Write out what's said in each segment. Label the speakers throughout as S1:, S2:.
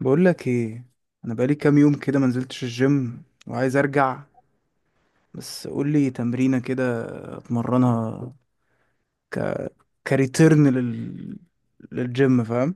S1: بقول لك ايه؟ انا بقالي كام يوم كده ما نزلتش الجيم وعايز ارجع، بس قول لي تمرينه كده اتمرنها. ك كريتيرن لل للجيم. فاهم؟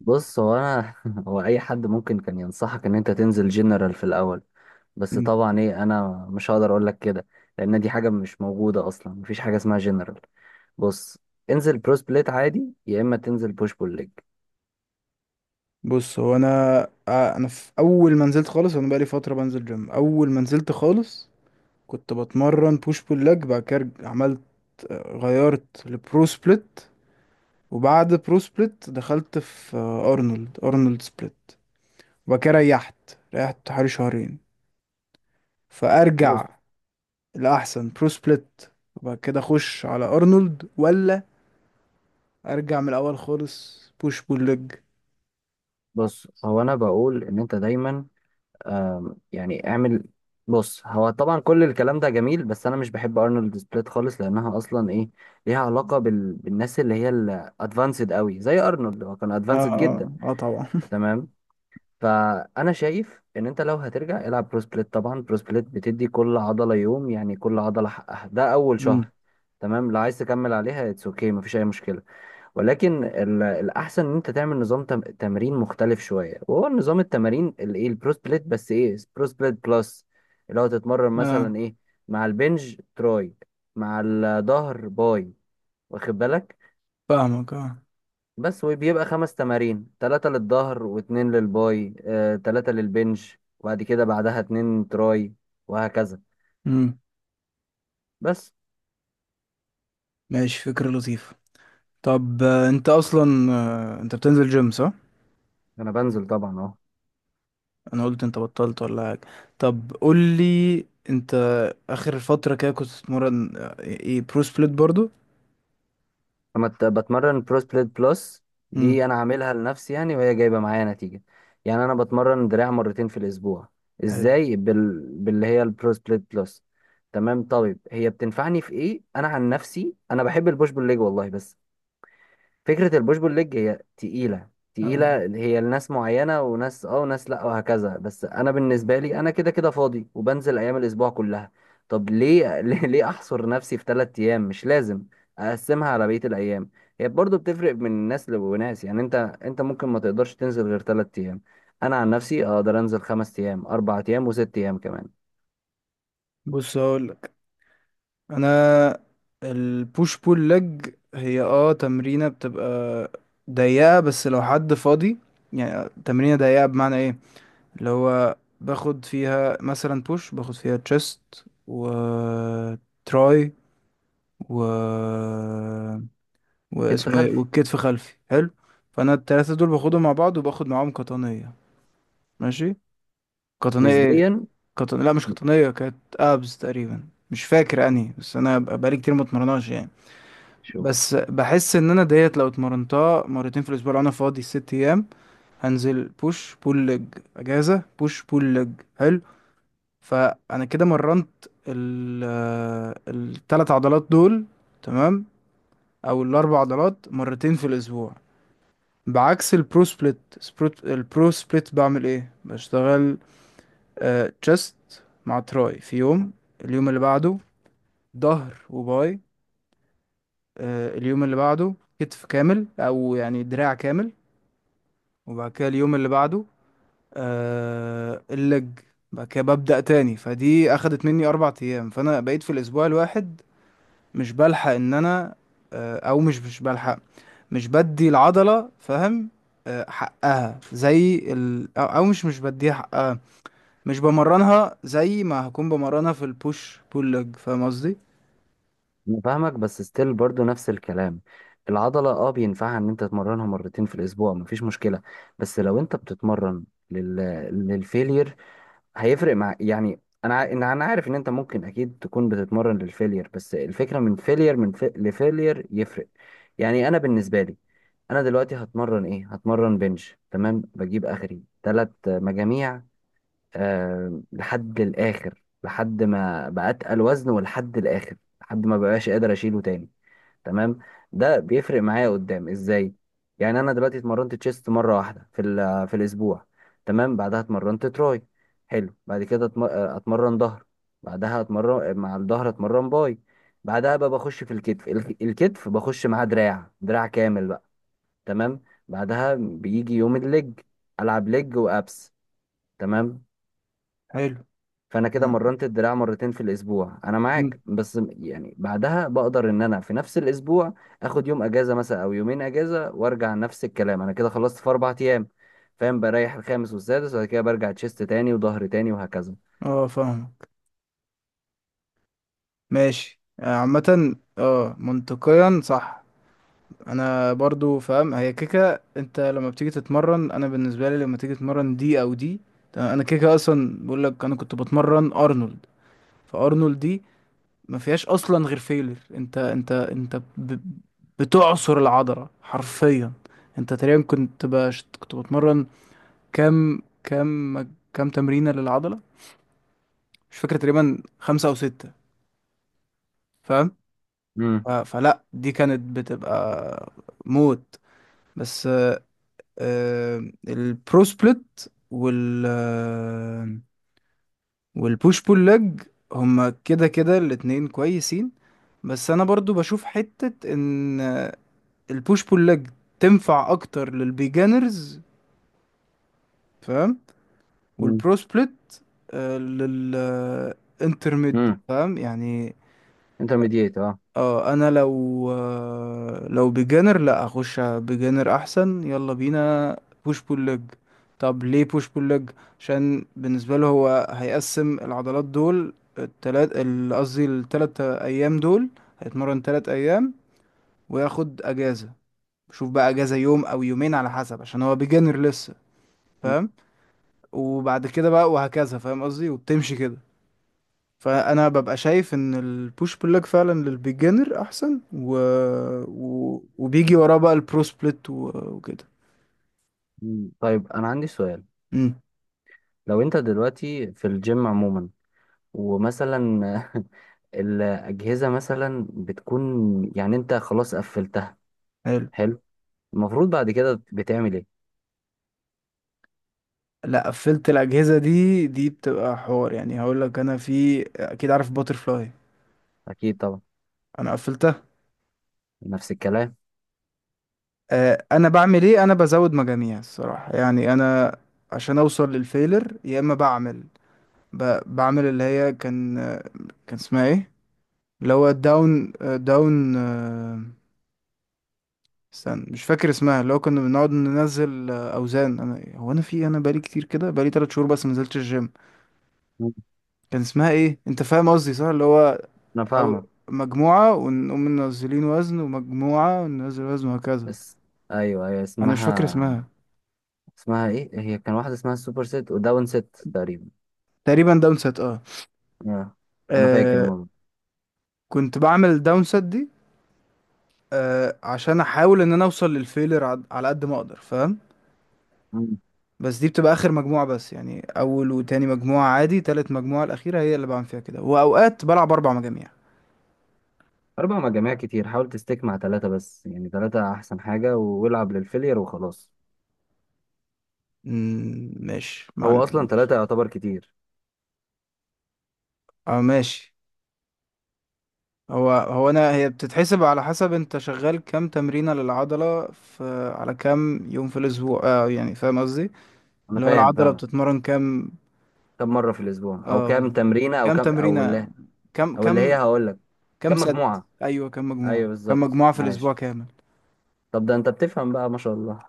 S2: بص هو انا هو اي حد ممكن كان ينصحك ان انت تنزل جنرال في الاول. بس
S1: مم.
S2: طبعا ايه، انا مش هقدر اقول لك كده لان دي حاجه مش موجوده اصلا، مفيش حاجه اسمها جنرال. بص، انزل برو سبليت عادي يا اما تنزل بوش بول ليج.
S1: بص هو انا. انا في اول ما نزلت خالص، انا بقالي فتره بنزل جيم. اول ما نزلت خالص كنت بتمرن بوش بول لج، بعد كده عملت، غيرت لبرو سبليت. وبعد برو سبليت دخلت في ارنولد، ارنولد سبليت. وبعد كده ريحت حوالي شهرين.
S2: بص
S1: فارجع لاحسن برو سبليت وبعد كده اخش على ارنولد، ولا ارجع من الاول خالص بوش بول ليج؟
S2: بص هو انا بقول ان انت دايما يعني اعمل. بص، هو طبعا كل الكلام ده جميل بس انا مش بحب ارنولد سبليت خالص لانها اصلا ايه، ليها علاقه بالناس اللي هي الادفانسد قوي زي ارنولد، هو كان
S1: اه
S2: ادفانسد جدا.
S1: اه اه طبعا.
S2: تمام. فانا شايف ان انت لو هترجع العب برو سبليت. طبعا برو سبليت بتدي كل عضله يوم، يعني كل عضله حقها، ده اول
S1: امم.
S2: شهر. تمام، لو عايز تكمل عليها اتس اوكي مفيش اي مشكله، ولكن الاحسن ان انت تعمل نظام تمرين مختلف شويه، وهو نظام التمارين الايه، البرو سبليت، بس ايه، برو سبليت بلس. اللي هو تتمرن
S1: اه
S2: مثلا ايه، مع البنج تراي، مع الظهر باي، واخد بالك؟
S1: فاهمك. اه.
S2: بس، وبيبقى خمس تمارين، تلاتة للظهر واتنين للباي، تلاتة للبنش وبعد كده بعدها اتنين تراي، وهكذا.
S1: امم.
S2: بس
S1: ماشي، فكرة لطيفة. طب انت اصلا، انت بتنزل جيم صح؟
S2: انا بنزل طبعا اهو.
S1: انا قلت انت بطلت ولا حاجة. طب قول لي، انت اخر فترة كده كنت بتتمرن ايه، برو سبليت برضو؟
S2: بتمرن برو سبليت بلس،
S1: امم.
S2: دي انا عاملها لنفسي يعني، وهي جايبة معايا نتيجة. يعني انا بتمرن دراع مرتين في الاسبوع،
S1: حلو.
S2: ازاي؟ باللي هي البرو سبليت بلس. تمام، طيب هي بتنفعني في ايه؟ انا عن نفسي انا بحب البوش بول ليج والله، بس فكرة البوش بول ليج هي تقيلة
S1: آه.
S2: تقيلة، هي لناس معينة وناس اه وناس لا وهكذا، بس انا بالنسبة لي انا كده كده فاضي وبنزل ايام الاسبوع كلها. طب ليه ليه احصر نفسي في ثلاث ايام؟ مش لازم، اقسمها على بقية الايام. هي برضو بتفرق من ناس لناس، يعني انت، ممكن ما تقدرش تنزل غير ثلاث ايام، انا عن نفسي اقدر انزل خمس ايام، اربع ايام، وست ايام كمان.
S1: بص هقول. انا البوش بول لج هي اه تمرينة بتبقى ضيقة بس لو حد فاضي. يعني تمرينة ضيقة بمعنى ايه؟ اللي هو باخد فيها مثلا بوش، باخد فيها تشيست و تراي و
S2: كتف
S1: واسمه ايه،
S2: خلفي.
S1: والكتف خلفي. حلو، فانا التلاتة دول باخدهم مع بعض وباخد معاهم قطنية. ماشي، قطنية ايه؟
S2: نسبيا.
S1: لا مش قطنية، كانت ابز تقريبا، مش فاكر انهي، بس انا بقالي كتير ما اتمرناش يعني.
S2: شوف،
S1: بس بحس ان انا ديت لو اتمرنتها مرتين في الاسبوع لو انا فاضي ست ايام، هنزل بوش بول لج، اجازه، بوش بول لج. حلو، فانا كده مرنت ال الثلاث عضلات دول، تمام، او الاربع عضلات مرتين في الاسبوع. بعكس البرو سبليت، سبروت، البرو سبليت بعمل ايه، بشتغل تشست مع تراي في يوم، اليوم اللي بعده ظهر وباي، اليوم اللي بعده كتف كامل او يعني دراع كامل، وبعد كده اليوم اللي بعده آه اللج. بعد كده ببدأ تاني، فدي أخدت مني أربع أيام، فأنا بقيت في الأسبوع الواحد مش بلحق إن أنا، آه أو مش بلحق، مش بدي العضلة فاهم؟ آه حقها زي ال، أو أو مش بديها حقها، مش بمرنها زي ما هكون بمرنها في البوش بول لج، فاهم قصدي؟
S2: أنا فاهمك بس ستيل برضو نفس الكلام. العضلة اه بينفعها ان انت تمرنها مرتين في الاسبوع، مفيش مشكلة. بس لو انت بتتمرن لل... للفيلير هيفرق مع يعني انا إن انا عارف ان انت ممكن اكيد تكون بتتمرن للفيلير، بس الفكرة من فيلير، من لفيلير يفرق. يعني انا بالنسبة لي، انا دلوقتي هتمرن ايه؟ هتمرن بنش، تمام، بجيب اخري ثلاث مجاميع، آه، لحد الآخر، لحد ما بقى أتقل وزن، ولحد الآخر لحد ما بقاش قادر أشيله تاني. تمام، ده بيفرق معايا قدام إزاي؟ يعني أنا دلوقتي اتمرنت تشيست مرة واحدة في في الأسبوع، تمام، بعدها اتمرنت تراي، حلو، بعد كده اتمرن ظهر، بعدها اتمرن مع الظهر اتمرن باي، بعدها بقى بخش في الكتف، الكتف بخش معاه دراع، دراع كامل بقى، تمام، بعدها بيجي يوم الليج، ألعب ليج وأبس، تمام.
S1: حلو.
S2: فانا كده
S1: نعم.
S2: مرنت الدراع مرتين في الاسبوع، انا
S1: مم.
S2: معاك، بس يعني بعدها بقدر ان انا في نفس الاسبوع اخد يوم اجازه مثلا او يومين اجازه، وارجع نفس الكلام. انا كده خلصت في اربع ايام، فاهم؟ بريح الخامس والسادس وبعد كده برجع تشيست تاني وظهر تاني وهكذا.
S1: اه فاهمك، ماشي. عامة اه منطقيا صح. انا برضو فاهم، هي كيكه، انت لما بتيجي تتمرن، انا بالنسبه لي لما تيجي تتمرن دي او دي تمام، انا كيكه اصلا بقول لك انا كنت بتمرن ارنولد، فارنولد دي ما فيهاش اصلا غير فيلر، انت انت بتعصر العضله حرفيا. انت تقريبا كنت باش كنت بتمرن كام، كام، كام تمرينه للعضله؟ مش فاكر، تقريبا خمسة او ستة، فاهم؟
S2: امم،
S1: فلا دي كانت بتبقى موت. بس البرو سبليت وال آه، والبوش بول ليج هما كده كده الاتنين كويسين. بس انا برضو بشوف حتة ان البوش بول ليج تنفع اكتر للبيجانرز فاهم، والبرو سبليت للانترميد،
S2: امم،
S1: فاهم يعني؟
S2: انترميديت اه.
S1: اه انا لو لو بيجانر، لا اخش بيجانر احسن، يلا بينا بوش بول ليج. طب ليه بوش بول ليج؟ عشان بالنسبه له هو هيقسم العضلات دول، التلات قصدي التلات ايام دول، هيتمرن تلات ايام وياخد اجازه. شوف بقى، اجازه يوم او يومين على حسب عشان هو بيجانر لسه فاهم، وبعد كده بقى وهكذا، فاهم قصدي، وبتمشي كده. فانا ببقى شايف ان البوش بول ليج فعلا للبيجنر احسن، و وبيجي وراه بقى البرو سبليت وكده.
S2: مم. طيب انا عندي سؤال،
S1: امم.
S2: لو انت دلوقتي في الجيم عموما ومثلا الاجهزه مثلا بتكون، يعني انت خلاص قفلتها،
S1: حلو.
S2: حلو، المفروض بعد كده بتعمل ايه؟
S1: لا قفلت الاجهزه دي، دي بتبقى حوار، يعني هقول لك انا في اكيد عارف باتر فلاي،
S2: اكيد طبعا.
S1: انا قفلتها.
S2: نفس الكلام.
S1: انا بعمل ايه، انا بزود مجاميع الصراحه يعني، انا عشان اوصل للفيلر، يا اما بعمل بعمل اللي هي كان، كان اسمها ايه، اللي هو داون استنى مش فاكر اسمها، اللي هو كنا بنقعد ننزل اوزان. انا هو انا في انا بقالي كتير كده، بقالي تلات شهور بس ما نزلتش الجيم.
S2: مم.
S1: كان اسمها ايه، انت فاهم قصدي صح، اللي هو
S2: انا
S1: او
S2: فاهمك.
S1: مجموعة ونقوم منزلين وزن ومجموعة وننزل وزن وهكذا.
S2: بس، ايوه ايوه،
S1: انا مش فاكر
S2: اسمها،
S1: اسمها.
S2: اسمها ايه، هي كان واحده اسمها السوبر ست وداون ست تقريبا.
S1: تقريبا داون سات اه.
S2: آه. انا فاكر.
S1: آه.
S2: ماما.
S1: كنت بعمل داون سات دي آه عشان احاول ان انا اوصل للفيلر على قد ما اقدر فاهم.
S2: مم.
S1: بس دي بتبقى اخر مجموعة بس، يعني اول وتاني مجموعة عادي، تالت مجموعة الاخيرة هي اللي بعمل فيها كده، واوقات بلعب اربع مجاميع.
S2: اربع مجاميع كتير، حاول تستيك مع ثلاثه، بس يعني ثلاثه احسن حاجه والعب للفيلير وخلاص.
S1: مم، ماشي
S2: هو اصلا
S1: معلم.
S2: ثلاثه يعتبر كتير.
S1: اه ماشي. هو هو انا هي بتتحسب على حسب انت شغال كام تمرينة للعضلة في، على كام يوم في الاسبوع اه، يعني فاهم قصدي،
S2: انا
S1: اللي هو
S2: فاهم
S1: العضلة
S2: فاهم.
S1: بتتمرن كام.
S2: كم مره في الاسبوع او
S1: اه
S2: كم
S1: بالظبط،
S2: تمرينه او
S1: كام
S2: كم او
S1: تمرينة،
S2: اللي،
S1: كام
S2: او اللي هي،
S1: كام
S2: هقول لك،
S1: كام
S2: كم
S1: ست،
S2: مجموعه.
S1: ايوه كام مجموعة،
S2: ايوه
S1: كام
S2: بالظبط،
S1: مجموعة في الاسبوع
S2: عاش.
S1: كامل.
S2: طب ده انت بتفهم بقى ما شاء الله.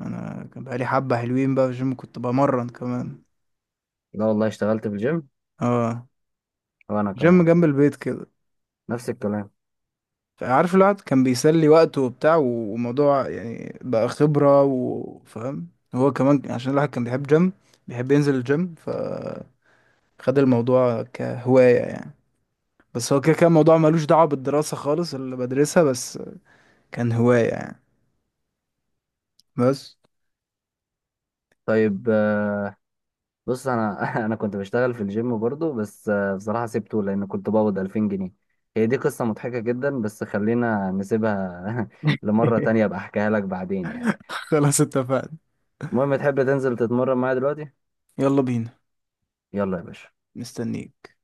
S1: انا كان بقالي حبة حلوين بقى في الجيم كنت بمرن كمان.
S2: لا والله اشتغلت في الجيم.
S1: اه،
S2: وانا
S1: جيم
S2: كمان.
S1: جنب البيت كده،
S2: نفس الكلام.
S1: فعارف الواحد كان بيسلي وقته وبتاع، وموضوع يعني بقى خبرة وفاهم. هو كمان عشان الواحد كان بيحب جيم، بيحب ينزل الجيم، فخد الموضوع كهواية يعني. بس هو كده كان موضوع ملوش دعوة بالدراسة خالص اللي بدرسها، بس كان هواية يعني. بس.
S2: طيب بص انا انا كنت بشتغل في الجيم برضو، بس بصراحة سيبته لان كنت بقبض 2000 جنيه. هي دي قصة مضحكة جدا بس خلينا نسيبها لمرة تانية، ابقى احكيها لك بعدين يعني.
S1: خلاص، اتفقنا.
S2: المهم، تحب تنزل تتمرن معايا دلوقتي؟
S1: يلا بينا.
S2: يلا يا باشا.
S1: مستنيك.